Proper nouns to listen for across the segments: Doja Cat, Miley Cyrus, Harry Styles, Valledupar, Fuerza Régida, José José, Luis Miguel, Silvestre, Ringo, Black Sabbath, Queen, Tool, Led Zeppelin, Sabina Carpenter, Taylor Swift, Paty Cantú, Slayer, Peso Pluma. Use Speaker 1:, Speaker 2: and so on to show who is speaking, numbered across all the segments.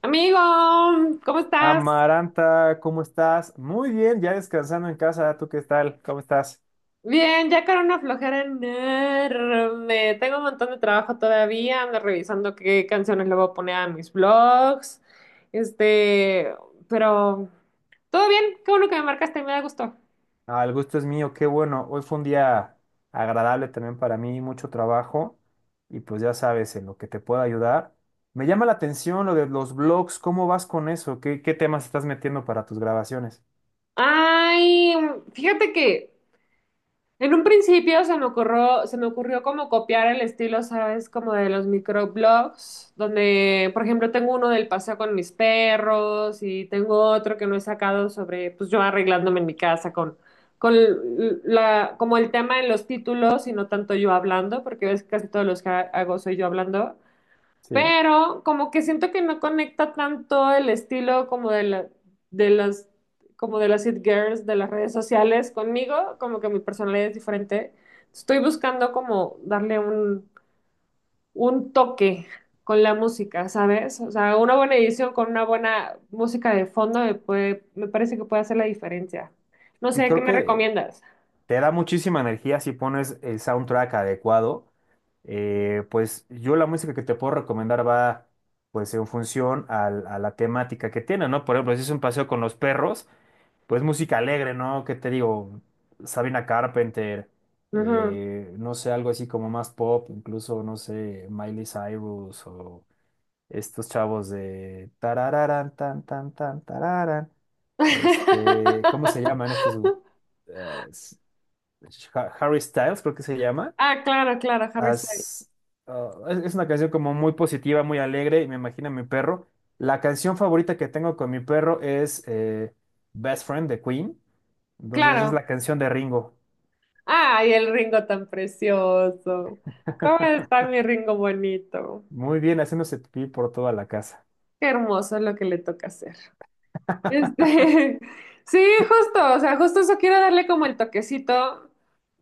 Speaker 1: Amigo, ¿cómo estás?
Speaker 2: Amaranta, ¿cómo estás? Muy bien, ya descansando en casa. ¿Tú qué tal? ¿Cómo estás?
Speaker 1: Bien, ya con una flojera enorme. Tengo un montón de trabajo todavía. Ando revisando qué canciones le voy a poner a mis vlogs. Este, pero todo bien. Qué bueno que me marcaste, me da gusto.
Speaker 2: Ah, el gusto es mío, qué bueno. Hoy fue un día agradable también para mí, mucho trabajo y pues ya sabes, en lo que te pueda ayudar. Me llama la atención lo de los blogs, ¿cómo vas con eso? ¿¿Qué temas estás metiendo para tus grabaciones?
Speaker 1: Ay, fíjate que: En un principio se me ocurrió como copiar el estilo, ¿sabes? Como de los microblogs, donde, por ejemplo, tengo uno del paseo con mis perros y tengo otro que no he sacado sobre, pues yo arreglándome en mi casa con la, como el tema en los títulos y no tanto yo hablando, porque ves que casi todos los que hago soy yo hablando.
Speaker 2: Sí.
Speaker 1: Pero como que siento que no conecta tanto el estilo como de de las, como de las it girls de las redes sociales conmigo, como que mi personalidad es diferente. Estoy buscando como darle un toque con la música, ¿sabes? O sea, una buena edición con una buena música de fondo me puede, me parece que puede hacer la diferencia. No
Speaker 2: Y
Speaker 1: sé, ¿qué
Speaker 2: creo
Speaker 1: me
Speaker 2: que
Speaker 1: recomiendas?
Speaker 2: te da muchísima energía si pones el soundtrack adecuado. Pues yo la música que te puedo recomendar va pues en función a la temática que tiene, ¿no? Por ejemplo, si es un paseo con los perros, pues música alegre, ¿no? ¿Qué te digo? Sabina Carpenter,
Speaker 1: Ujú.
Speaker 2: no sé, algo así como más pop, incluso, no sé, Miley Cyrus o estos chavos de tarararán, tan, tan, tan, tararán. Este, ¿cómo se llaman estos? Harry Styles, creo que se llama.
Speaker 1: Ah, claro, claro, Harry Styles.
Speaker 2: As- es una canción como muy positiva, muy alegre, y me imagino a mi perro. La canción favorita que tengo con mi perro es Best Friend de Queen. Entonces es
Speaker 1: Claro,
Speaker 2: la canción de Ringo.
Speaker 1: ay, el Ringo tan precioso. ¿Cómo está mi Ringo bonito?
Speaker 2: Muy bien, haciéndose pipí por toda la casa.
Speaker 1: Qué hermoso es lo que le toca hacer. Este, sí, justo, o sea, justo eso quiero darle como el toquecito,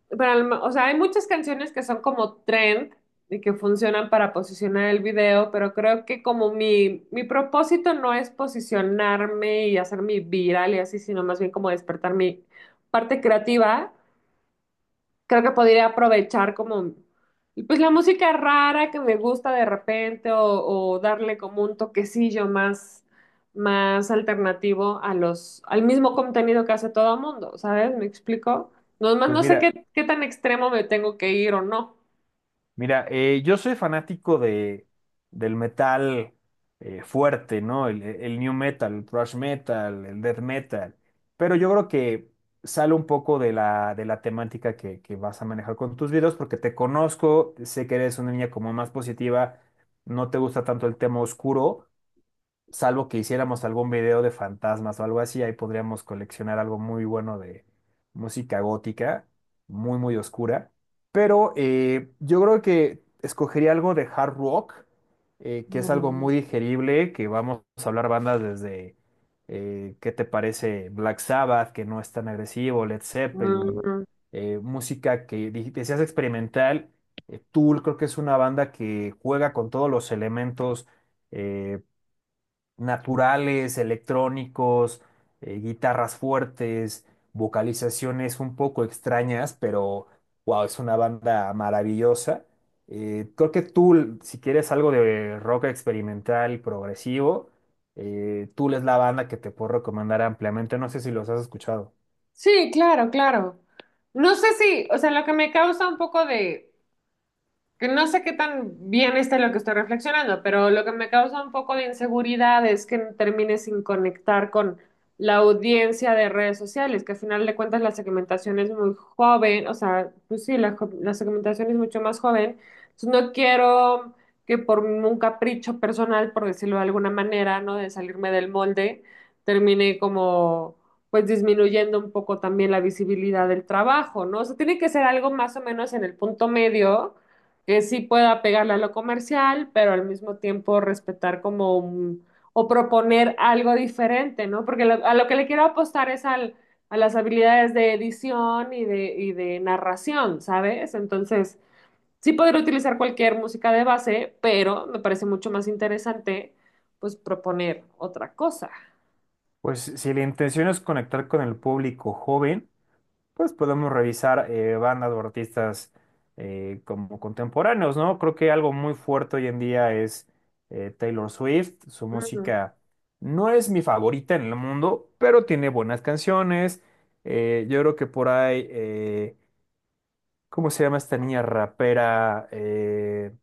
Speaker 1: pero o sea, hay muchas canciones que son como trend y que funcionan para posicionar el video, pero creo que como mi propósito no es posicionarme y hacerme viral y así, sino más bien como despertar mi parte creativa. Creo que podría aprovechar como, pues la música rara que me gusta de repente o darle como un toquecillo más alternativo a al mismo contenido que hace todo el mundo, ¿sabes? ¿Me explico? Nomás
Speaker 2: Pues
Speaker 1: no sé
Speaker 2: mira,
Speaker 1: qué tan extremo me tengo que ir o no.
Speaker 2: Mira, yo soy fanático del metal fuerte, ¿no? El new metal, el thrash metal, el death metal. Pero yo creo que sale un poco de de la temática que vas a manejar con tus videos, porque te conozco, sé que eres una niña como más positiva, no te gusta tanto el tema oscuro, salvo que hiciéramos algún video de fantasmas o algo así, ahí podríamos coleccionar algo muy bueno de música gótica, muy, muy oscura. Pero yo creo que escogería algo de hard rock, que es algo
Speaker 1: Mm,
Speaker 2: muy digerible, que vamos a hablar bandas desde, ¿qué te parece? Black Sabbath, que no es tan agresivo, Led
Speaker 1: mm,
Speaker 2: Zeppelin,
Speaker 1: mm.
Speaker 2: música que decías experimental. Tool creo que es una banda que juega con todos los elementos eh, naturales, electrónicos, guitarras fuertes, vocalizaciones un poco extrañas, pero wow, es una banda maravillosa. Creo que Tool, si quieres algo de rock experimental y progresivo, Tool es la banda que te puedo recomendar ampliamente. No sé si los has escuchado.
Speaker 1: Sí, claro, claro. No sé si, o sea, lo que me causa un poco de que no sé qué tan bien esté lo que estoy reflexionando, pero lo que me causa un poco de inseguridad es que termine sin conectar con la audiencia de redes sociales, que al final de cuentas la segmentación es muy joven, o sea, pues sí, la segmentación es mucho más joven, entonces no quiero que por un capricho personal, por decirlo de alguna manera, ¿no? De salirme del molde, termine como pues disminuyendo un poco también la visibilidad del trabajo, ¿no? O sea, tiene que ser algo más o menos en el punto medio que sí pueda pegarle a lo comercial, pero al mismo tiempo respetar como o proponer algo diferente, ¿no? Porque a lo que le quiero apostar es al, a las habilidades de edición y de narración, ¿sabes? Entonces, sí podría utilizar cualquier música de base, pero me parece mucho más interesante, pues, proponer otra cosa.
Speaker 2: Pues si la intención es conectar con el público joven, pues podemos revisar bandas o artistas como contemporáneos, ¿no? Creo que algo muy fuerte hoy en día es Taylor Swift. Su
Speaker 1: Ujú,
Speaker 2: música no es mi favorita en el mundo, pero tiene buenas canciones. Yo creo que por ahí, ¿cómo se llama esta niña rapera?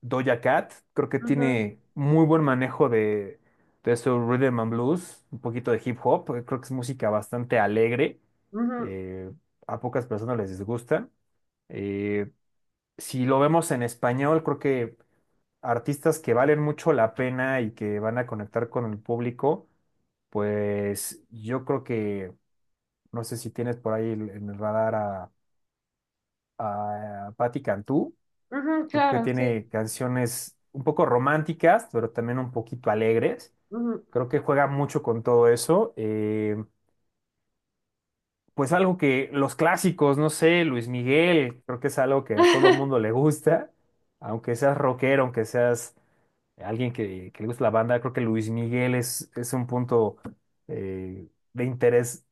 Speaker 2: Doja Cat, creo que
Speaker 1: ujú,
Speaker 2: tiene muy buen manejo de su rhythm and blues, un poquito de hip hop, creo que es música bastante alegre,
Speaker 1: ujú,
Speaker 2: eh, a pocas personas les disgusta. Eh, si lo vemos en español, creo que artistas que valen mucho la pena y que van a conectar con el público, pues yo creo que, no sé si tienes por ahí en el radar a Paty Cantú.
Speaker 1: ujú,
Speaker 2: Creo que
Speaker 1: claro, sí.
Speaker 2: tiene canciones un poco románticas, pero también un poquito alegres.
Speaker 1: Ujú.
Speaker 2: Creo que juega mucho con todo eso. Pues algo que los clásicos, no sé, Luis Miguel, creo que es algo que a todo mundo le gusta. Aunque seas rockero, aunque seas alguien que le gusta la banda, creo que Luis Miguel es un punto eh, de interés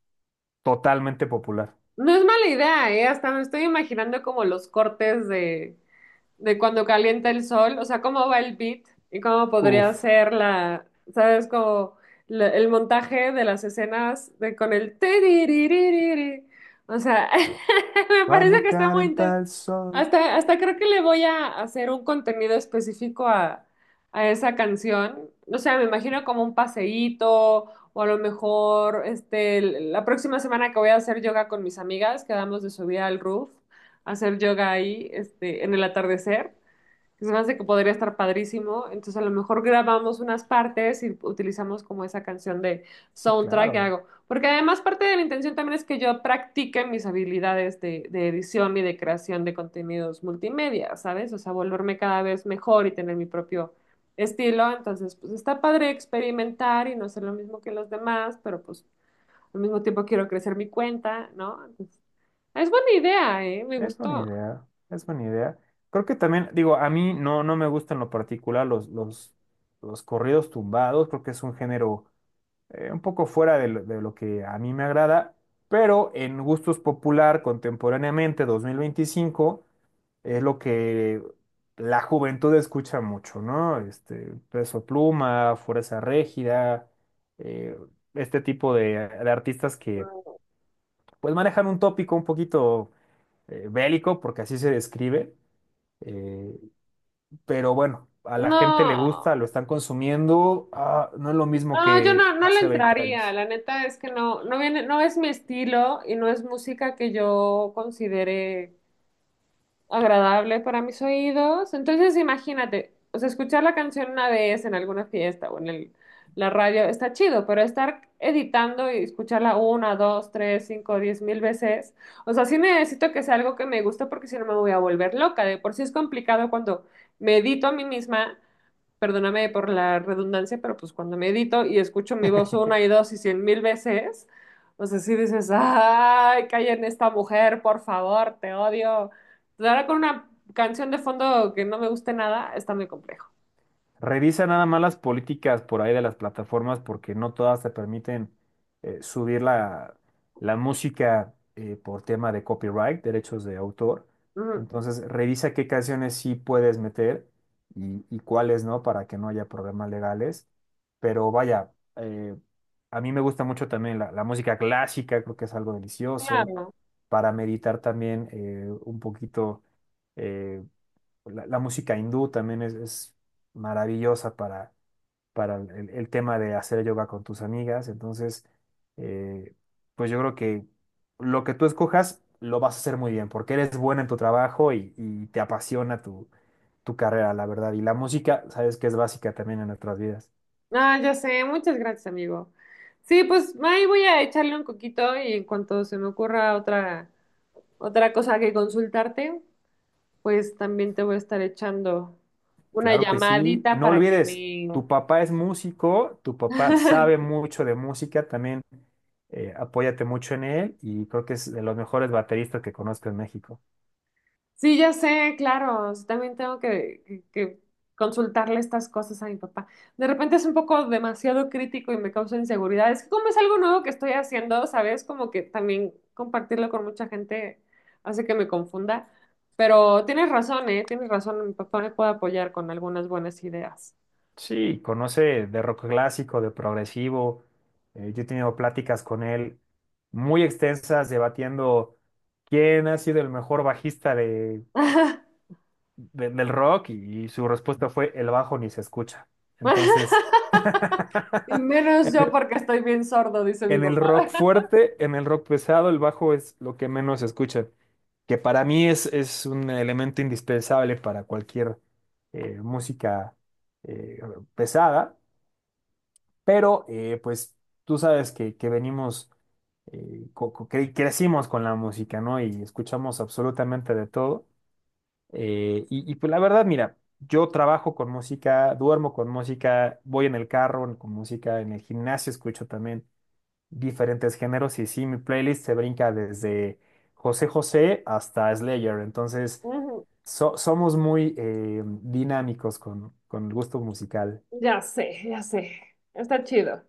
Speaker 2: totalmente popular.
Speaker 1: No es mala idea, ¿eh? Hasta me estoy imaginando como los cortes de cuando calienta el sol, o sea, cómo va el beat y cómo podría
Speaker 2: Uf.
Speaker 1: ser la, ¿sabes? Como el montaje de las escenas de, con el tiriririri. O sea, me parece
Speaker 2: Cuando
Speaker 1: que está muy inter-
Speaker 2: calenta el sol.
Speaker 1: Hasta, hasta creo que le voy a hacer un contenido específico a esa canción. O sea, me imagino como un paseíto o a lo mejor este, la próxima semana que voy a hacer yoga con mis amigas, quedamos de subir al roof hacer yoga ahí, este, en el atardecer, que se me hace que podría estar padrísimo. Entonces a lo mejor grabamos unas partes y utilizamos como esa canción de
Speaker 2: Sí,
Speaker 1: soundtrack que
Speaker 2: claro.
Speaker 1: hago. Porque además parte de la intención también es que yo practique mis habilidades de edición y de creación de contenidos multimedia, ¿sabes? O sea, volverme cada vez mejor y tener mi propio estilo. Entonces, pues está padre experimentar y no hacer lo mismo que los demás, pero pues al mismo tiempo quiero crecer mi cuenta, ¿no? Entonces, es buena idea, ¿eh? Me
Speaker 2: Es buena
Speaker 1: gustó.
Speaker 2: idea, es buena idea. Creo que también, digo, a mí no, no me gustan en lo particular los corridos tumbados, creo que es un género un poco fuera de de lo que a mí me agrada, pero en gustos popular contemporáneamente 2025 es lo que la juventud escucha mucho, ¿no? Este, Peso Pluma, Fuerza Régida, eh, este tipo de artistas que pues manejan un tópico un poquito bélico, porque así se describe, eh, pero bueno, a la gente le
Speaker 1: No,
Speaker 2: gusta, lo están consumiendo, ah, no es lo mismo
Speaker 1: no, yo
Speaker 2: que
Speaker 1: no le
Speaker 2: hace 20
Speaker 1: entraría.
Speaker 2: años.
Speaker 1: La neta es que no viene, no es mi estilo y no es música que yo considere agradable para mis oídos. Entonces, imagínate, o sea, escuchar la canción una vez en alguna fiesta o en la radio está chido, pero estar editando y escucharla una, dos, tres, cinco, 10,000 veces, o sea, sí necesito que sea algo que me guste porque si no me voy a volver loca. De por sí es complicado cuando me edito a mí misma, perdóname por la redundancia, pero pues cuando me edito y escucho mi voz una y dos y 100,000 veces, o sea, sí dices, ay, calla esta mujer, por favor, te odio. Entonces, ahora con una canción de fondo que no me guste nada, está muy complejo.
Speaker 2: Revisa nada más las políticas por ahí de las plataformas porque no todas te permiten subir la música por tema de copyright, derechos de autor.
Speaker 1: Ujú.
Speaker 2: Entonces, revisa qué canciones sí puedes meter y cuáles no para que no haya problemas legales. Pero vaya, a mí me gusta mucho también la música clásica, creo que es algo delicioso
Speaker 1: Claro.
Speaker 2: para meditar también un poquito. eh, la, la música hindú también es maravillosa para el tema de hacer yoga con tus amigas. Entonces, eh, pues yo creo que lo que tú escojas lo vas a hacer muy bien, porque eres buena en tu trabajo y te apasiona tu, tu carrera, la verdad. Y la música, sabes que es básica también en nuestras vidas.
Speaker 1: Ah, ya sé, muchas gracias, amigo. Sí, pues ahí voy a echarle un coquito y en cuanto se me ocurra otra cosa que consultarte, pues también te voy a estar echando una
Speaker 2: Claro que sí. Y
Speaker 1: llamadita
Speaker 2: no
Speaker 1: para que
Speaker 2: olvides,
Speaker 1: me,
Speaker 2: tu papá es músico, tu papá sabe mucho de música también. Apóyate mucho en él y creo que es de los mejores bateristas que conozco en México.
Speaker 1: sí, ya sé, claro, sí, también tengo que consultarle estas cosas a mi papá. De repente es un poco demasiado crítico y me causa inseguridad. Es que como es algo nuevo que estoy haciendo, ¿sabes? Como que también compartirlo con mucha gente hace que me confunda. Pero tienes razón, ¿eh? Tienes razón, mi papá me puede apoyar con algunas buenas ideas.
Speaker 2: Sí, conoce de rock clásico, de progresivo. Yo he tenido pláticas con él muy extensas debatiendo quién ha sido el mejor bajista del rock y su respuesta fue el bajo ni se escucha. Entonces,
Speaker 1: Y menos
Speaker 2: en
Speaker 1: yo porque estoy bien sordo, dice mi
Speaker 2: en el
Speaker 1: papá.
Speaker 2: rock fuerte, en el rock pesado, el bajo es lo que menos se escucha, que para mí es un elemento indispensable para cualquier música eh, pesada, pero pues tú sabes que venimos, crecimos con la música, ¿no? Y escuchamos absolutamente de todo. Pues la verdad, mira, yo trabajo con música, duermo con música, voy en el carro con música, en el gimnasio escucho también diferentes géneros y sí, mi playlist se brinca desde José José hasta Slayer, entonces
Speaker 1: Ujú,
Speaker 2: somos muy dinámicos con el gusto musical.
Speaker 1: ya sé, ya sé. Está chido.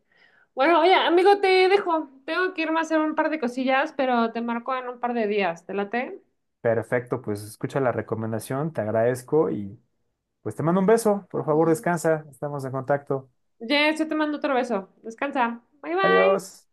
Speaker 1: Bueno, oye, amigo, te dejo. Tengo que irme a hacer un par de cosillas, pero te marco en un par de días. ¿Te late?
Speaker 2: Perfecto, pues escucha la recomendación, te agradezco y pues te mando un beso, por favor descansa, estamos en contacto.
Speaker 1: Yes, yo te mando otro beso. Descansa. Bye bye.
Speaker 2: Adiós.